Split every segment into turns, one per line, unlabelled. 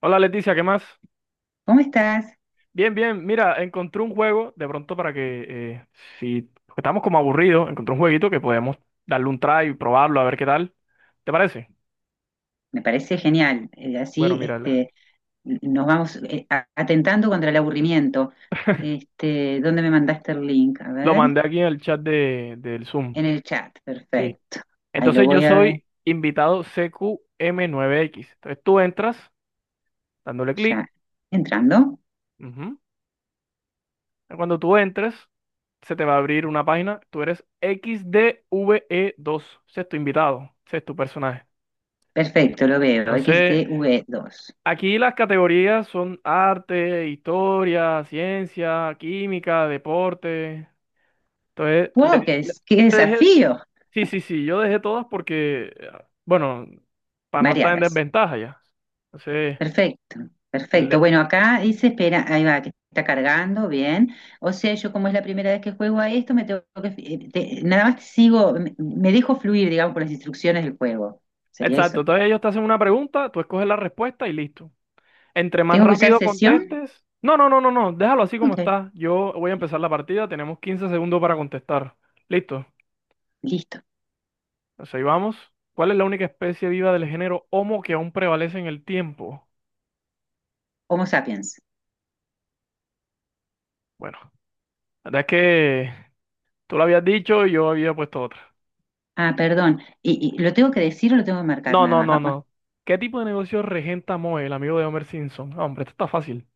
Hola, Leticia, ¿qué más?
¿Cómo estás?
Bien, bien, mira, encontré un juego de pronto para que, si porque estamos como aburridos, encontré un jueguito que podemos darle un try y probarlo a ver qué tal. ¿Te parece?
Me parece genial.
Bueno, mira,
Nos vamos atentando contra el aburrimiento. ¿Dónde me mandaste el link? A
lo
ver,
mandé aquí en el chat del Zoom.
en el chat.
Sí.
Perfecto. Ahí lo
Entonces yo
voy a ver.
soy invitado CQM9X. Entonces tú entras dándole
Ya.
clic.
Entrando.
Ujú. Cuando tú entres, se te va a abrir una página. Tú eres XDVE2, sexto invitado, sexto personaje.
Perfecto, lo veo. X
Entonces.
XTV2.
Aquí las categorías son arte, historia, ciencia, química, deporte. Entonces, le,
¡Wow!
le-
¡Qué
le dejé,
desafío!
sí, sí, sí, yo dejé todas porque, bueno, para no estar en
Variadas.
desventaja ya. Entonces,
Perfecto, perfecto.
le-
Bueno, acá dice, espera, ahí va, que está cargando, bien. O sea, yo como es la primera vez que juego a esto, me tengo que, nada más sigo, me dejo fluir, digamos, por las instrucciones del juego. Sería
exacto,
eso.
entonces ellos te hacen una pregunta, tú escoges la respuesta y listo. Entre más
¿Tengo que usar
rápido
sesión?
contestes, no, no, no, no, no, déjalo así como
Ok,
está. Yo voy a empezar la partida, tenemos 15 segundos para contestar. Listo.
listo.
Entonces ahí vamos. ¿Cuál es la única especie viva del género Homo que aún prevalece en el tiempo?
Homo sapiens.
Bueno, la verdad es que tú lo habías dicho y yo había puesto otra.
Ah, perdón. ¿Y lo tengo que decir o lo tengo que marcar
No,
nada
no,
más?
no,
Va.
no. ¿Qué tipo de negocio regenta Moe, el amigo de Homer Simpson? No, hombre, esto está fácil.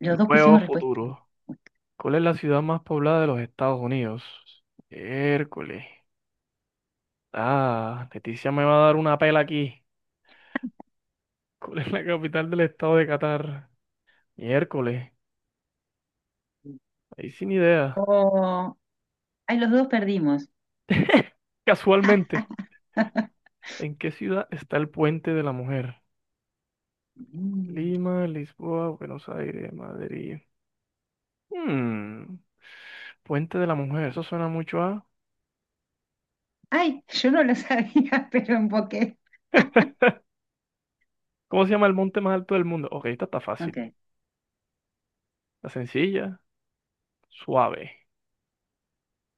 Los dos
Nuevo
pusimos respuesta.
futuro.
Ok.
¿Cuál es la ciudad más poblada de los Estados Unidos? Hércules. Ah, Leticia me va a dar una pela aquí. ¿Cuál es la capital del estado de Qatar? Miércoles. Ahí sin idea.
Oh, ay, los dos perdimos.
Casualmente. ¿En qué ciudad está el Puente de la Mujer?
Mm.
Lima, Lisboa, Buenos Aires, Madrid. Hmm, Puente de la Mujer, eso suena mucho a.
Ay, yo no lo sabía, pero emboqué.
¿Cómo se llama el monte más alto del mundo? Ok, esta está fácil.
Ok.
La sencilla, suave.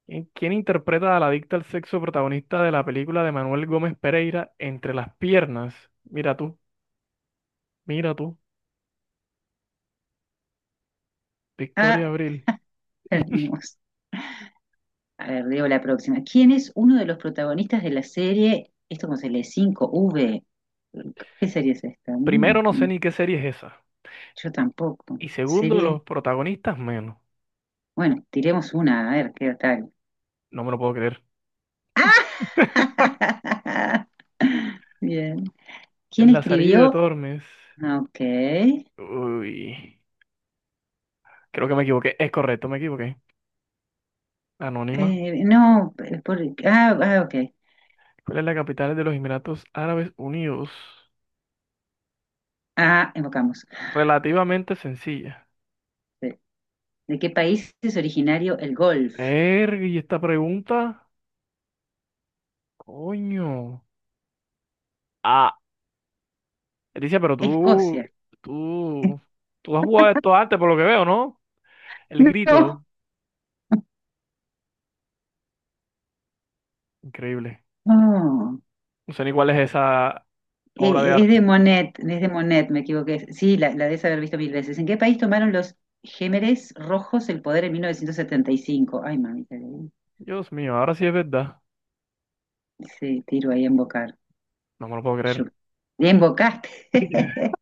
¿Quién interpreta a la adicta al sexo protagonista de la película de Manuel Gómez Pereira, Entre las piernas. Mira tú, mira tú, Victoria
Ah,
Abril.
perdimos. A ver, leo la próxima. ¿Quién es uno de los protagonistas de la serie? Esto como se lee cinco v. ¿Qué serie es esta?
Primero, no sé
Mm,
ni qué serie es esa.
yo tampoco.
Y segundo,
¿Serie?
los protagonistas menos.
Bueno, tiremos una, a ver qué tal.
No me lo puedo creer.
¡Ah! Bien. ¿Quién
El Lazarillo de
escribió?
Tormes.
Ah, ok.
Uy, creo que me equivoqué. Es correcto, me equivoqué. Anónima.
No, por- ah, ah, ok.
¿Cuál es la capital de los Emiratos Árabes Unidos?
Ah, evocamos.
Relativamente sencilla.
¿De de qué país es originario el golf?
Erg, y esta pregunta, coño. Ah, Leticia, pero
Escocia.
tú, tú has jugado esto antes, por lo que veo, ¿no? El grito.
No.
Increíble.
Oh.
No sé ni cuál es esa obra de arte.
Es de Monet, me equivoqué. Sí, la debes haber visto mil veces. ¿En qué país tomaron los Gémeres Rojos el poder en 1975? Ay, mami, eh.
Dios mío, ahora sí es verdad.
Sí, tiro ahí a embocar.
No me lo puedo
Yo.
creer.
Ya embocaste.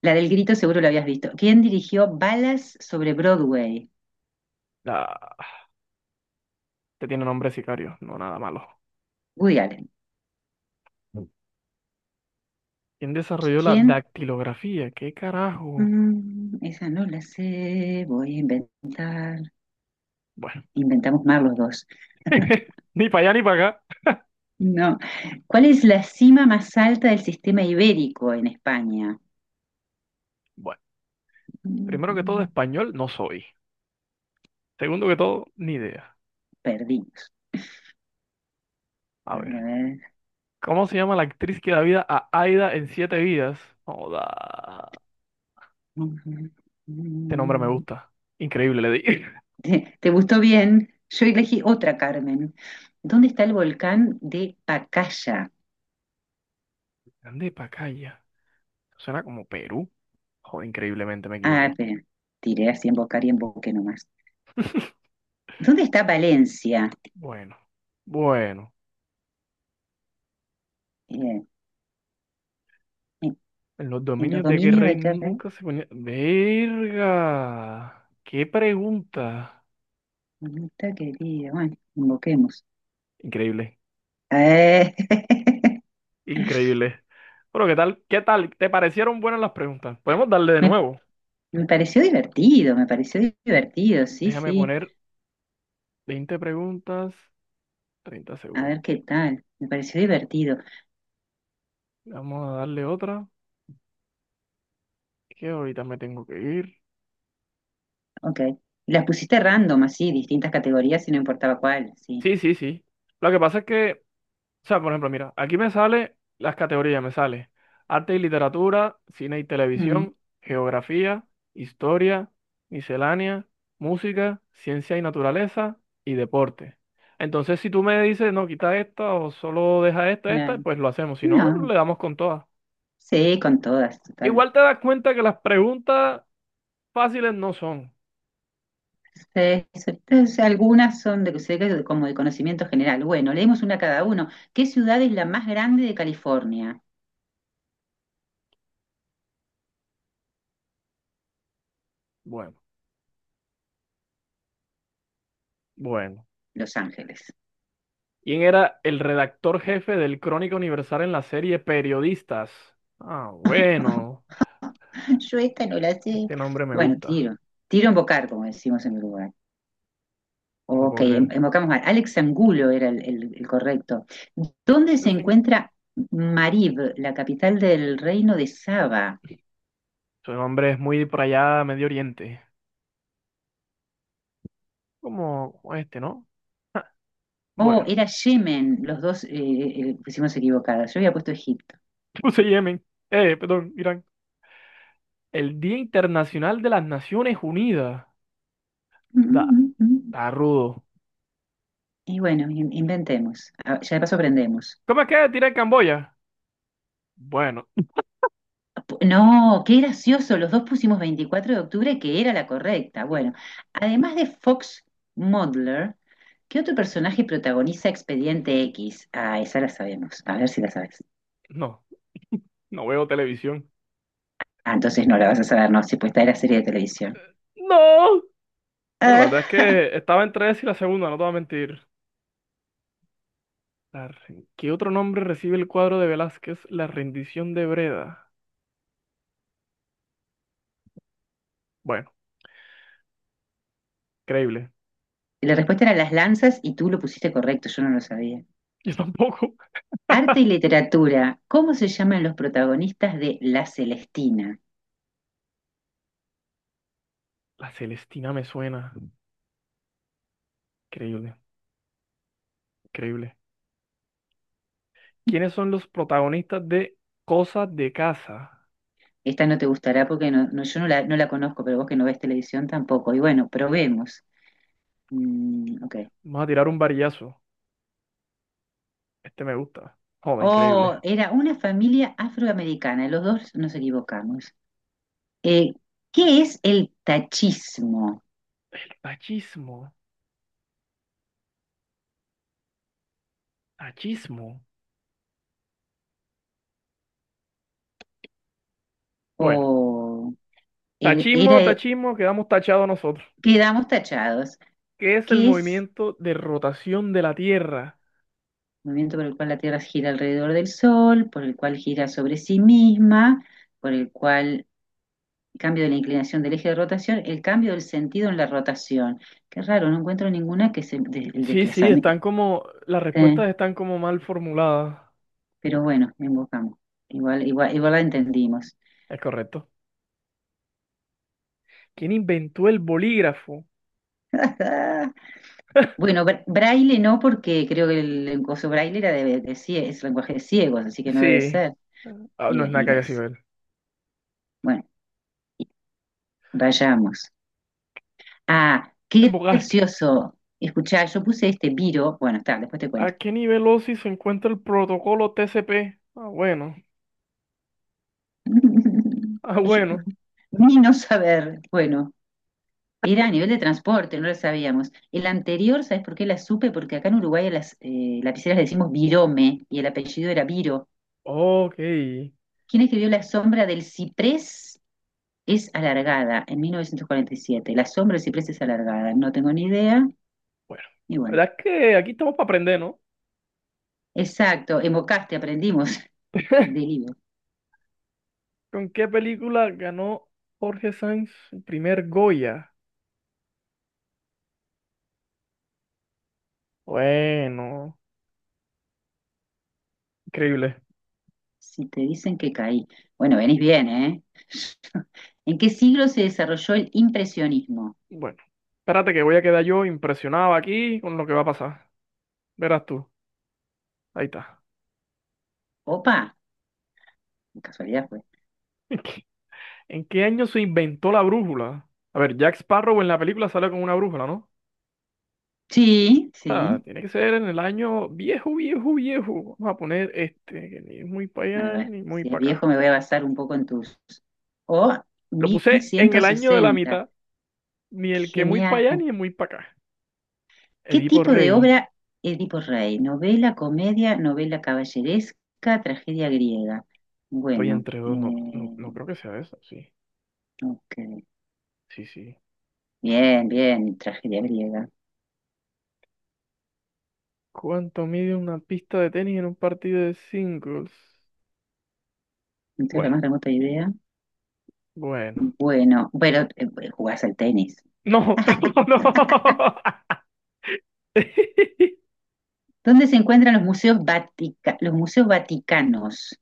La del grito seguro la habías visto. ¿Quién dirigió Balas sobre Broadway?
La- Te tiene nombre de sicario, no nada malo.
Woody Allen.
¿Quién desarrolló la
¿Quién?
dactilografía? ¿Qué carajo?
Mm, esa no la sé, voy a inventar.
Bueno,
Inventamos más los dos.
ni para allá ni para acá.
No. ¿Cuál es la cima más alta del sistema ibérico en España?
Bueno, primero que todo,
Mm,
español no soy. Segundo que todo, ni idea.
perdidos.
A
A ver, a
ver,
ver.
¿cómo se llama la actriz que da vida a Aida en Siete Vidas? Joda. Este nombre me gusta. Increíble, le di.
¿Te, te gustó bien? Yo elegí otra, Carmen. ¿Dónde está el volcán de Pacaya?
Grande Pacaya. Suena como Perú. Joder, increíblemente me
Ah,
equivoqué.
pe- tiré así en Bocar y en Boque nomás. ¿Dónde está Valencia?
Bueno, bueno.
Eh, en,
En los
en los
dominios de qué
dominios
rey
de qué red?
nunca se ponía. ¡Verga! ¡Qué pregunta!
¿Dónde está, querida? Bueno, invoquemos.
Increíble.
Eh,
Increíble. Bueno, ¿qué tal? ¿Qué tal? ¿Te parecieron buenas las preguntas? Podemos darle de
me,
nuevo.
me pareció divertido, sí,
Déjame
sí.
poner 20 preguntas, 30
A ver
segundos.
qué tal. Me pareció divertido.
Vamos a darle otra, que ahorita me tengo que ir.
Ok. Las pusiste random, así, distintas categorías y no importaba cuál, sí.
Sí, sí, sí. Lo que pasa es que, o sea, por ejemplo, mira, aquí me sale las categorías, me sale arte y literatura, cine y
Mm,
televisión, geografía, historia, miscelánea, música, ciencia y naturaleza y deporte. Entonces, si tú me dices, no, quita esta o solo deja esta, esta,
claro.
pues lo hacemos, si no,
No,
le damos con todas.
sí, con todas, total.
Igual te das cuenta que las preguntas fáciles no son.
Sí, sí, entonces, algunas son de, sé que como de conocimiento general. Bueno, leemos una cada uno. ¿Qué ciudad es la más grande de California?
Bueno, bueno.
Los Ángeles.
¿Quién era el redactor jefe del Crónica Universal en la serie Periodistas? Ah, bueno.
Yo esta no la sé.
Este nombre me
Bueno,
gusta,
tiro. Tiro a embocar, como decimos en Uruguay.
no lo
Ok,
puedo creer.
embocamos mal. Alex Angulo era el correcto. ¿Dónde
Yo
se
sé-
encuentra Marib, la capital del reino de Saba?
Su nombre es muy por allá, Medio Oriente. Como este, ¿no? Bueno,
Oh, era Yemen, los dos pusimos equivocadas. Yo había puesto Egipto.
puse Yemen. Perdón, Irán. El Día Internacional de las Naciones Unidas.
Mm,
Da,
mm, mm.
está rudo.
Y bueno, inventemos. Ah, ya de paso aprendemos.
¿Cómo es que tiré Camboya? Bueno,
No, qué gracioso, los dos pusimos 24 de octubre, que era la correcta. Bueno, además de Fox Mulder, ¿qué otro personaje protagoniza Expediente X? Ah, esa la sabemos. A ver si la sabes.
no, no veo televisión.
Ah, entonces no la vas a saber, no, si pues esta era serie de televisión.
¡No! Bueno, la verdad es
Ah,
que estaba entre esa y la segunda, no te voy a mentir. ¿Qué otro nombre recibe el cuadro de Velázquez? La rendición de Breda. Bueno, creíble.
la respuesta era Las Lanzas y tú lo pusiste correcto, yo no lo sabía.
Yo tampoco.
Arte y literatura. ¿Cómo se llaman los protagonistas de La Celestina?
La Celestina me suena. Increíble, increíble. ¿Quiénes son los protagonistas de Cosas de Casa?
Esta no te gustará porque yo no la, no la conozco, pero vos que no ves televisión tampoco. Y bueno, probemos. Mm, ok.
Vamos a tirar un varillazo. Este me gusta. Joder, increíble.
Oh, era una familia afroamericana. Los dos nos equivocamos. Eh, ¿Qué es el tachismo?
Tachismo, tachismo. Bueno,
O era,
tachismo, tachismo, quedamos tachados nosotros.
quedamos tachados.
¿Qué es el
¿Qué es
movimiento de rotación de la Tierra?
el movimiento por el cual la Tierra gira alrededor del Sol, por el cual gira sobre sí misma? Por el cual cambio de la inclinación del eje de rotación, el cambio del sentido en la rotación. Qué raro, no encuentro ninguna que es el, el
Sí, sí,
desplazamiento.
están como, las
Eh,
respuestas están como mal formuladas.
pero bueno, invocamos. Igual, igual, igual la entendimos.
Es correcto. ¿Quién inventó el bolígrafo?
Bueno, braille no, porque creo que el braille era de, es lenguaje de ciegos, así que no debe
Sí.
ser.
Ah,
Y,
no es nada
y
que haya
las,
sido él.
bueno, y vayamos. Ah, qué
Embocaste.
gracioso. Escuchá, yo puse este viro. Bueno, está, después te
¿A
cuento.
qué nivel OSI se encuentra el protocolo TCP? Ah, bueno. Ah,
Yo-
bueno.
ni no saber. Bueno. Era a nivel de transporte, no lo sabíamos. El anterior, ¿sabes por qué la supe? Porque acá en Uruguay a las lapiceras le decimos Virome y el apellido era Viro.
Ok.
¿Quién escribió La sombra del ciprés es alargada en 1947? La sombra del ciprés es alargada, no tengo ni idea.
Bueno,
Y
la
bueno,
verdad es que aquí estamos para aprender, ¿no?
exacto, evocaste, aprendimos del libro.
¿Con qué película ganó Jorge Sanz el primer Goya? Bueno, increíble.
Si te dicen que caí. Bueno, venís bien, ¿eh? ¿En qué siglo se desarrolló el impresionismo?
Bueno, espérate que voy a quedar yo impresionado aquí con lo que va a pasar. Verás tú. Ahí está.
Opa, qué casualidad fue.
¿En qué año se inventó la brújula? A ver, Jack Sparrow en la película sale con una brújula, ¿no?
Sí,
O sea,
sí.
tiene que ser en el año viejo, viejo, viejo. Vamos a poner este, que ni es muy para
A
allá
ver,
ni muy
si es
para
viejo
acá.
me voy a basar un poco en tus. O
Lo
mil
puse en
ciento
el año de la
sesenta
mitad, ni el que muy
Genial.
para allá ni el muy para acá.
¿Qué
Edipo
tipo de
Rey,
obra Edipo Rey? ¿Novela, comedia, novela caballeresca, tragedia griega?
estoy
Bueno,
entre dos, no, no, no creo que sea eso, sí,
ok.
sí, sí.
Bien, bien, tragedia griega.
¿Cuánto mide una pista de tenis en un partido de singles?
No tengo la
Bueno,
más remota idea.
bueno.
Bueno, bueno, jugás al tenis.
No, no.
¿Dónde se encuentran los los museos vaticanos?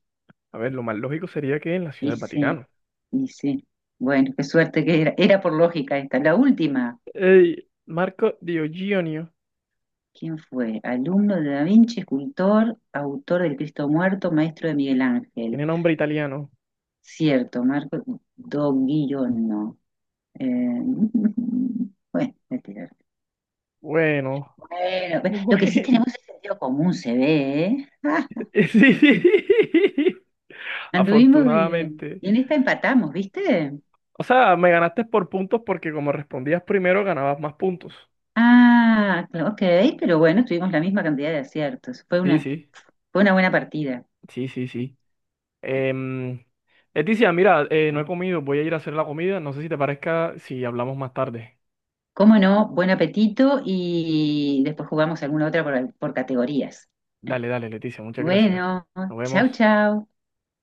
A ver, lo más lógico sería que en la Ciudad del
Dice,
Vaticano.
y sí, bueno, qué suerte que era. Era por lógica esta. La última,
Ey, Marco Diogenio,
¿quién fue? Alumno de Da Vinci, escultor, autor del Cristo Muerto, maestro de Miguel Ángel.
tiene nombre italiano.
Cierto, Marco Doguillono. Eh, bueno, voy a tirar.
Bueno,
Bueno, lo que sí
bueno.
tenemos es sentido común, se ve, ¿eh?
Sí. Sí.
Anduvimos bien.
Afortunadamente.
Y en esta empatamos, ¿viste?
O sea, me ganaste por puntos porque como respondías primero, ganabas más puntos.
Ah, ok, pero bueno, tuvimos la misma cantidad de aciertos.
Sí, sí,
Fue una buena partida.
sí, sí, sí. Em, Leticia, mira, no he comido, voy a ir a hacer la comida. No sé si te parezca si hablamos más tarde.
Cómo no, buen apetito y después jugamos alguna otra por categorías.
Dale, dale, Leticia, muchas gracias.
Bueno,
Nos
chau,
vemos.
chau.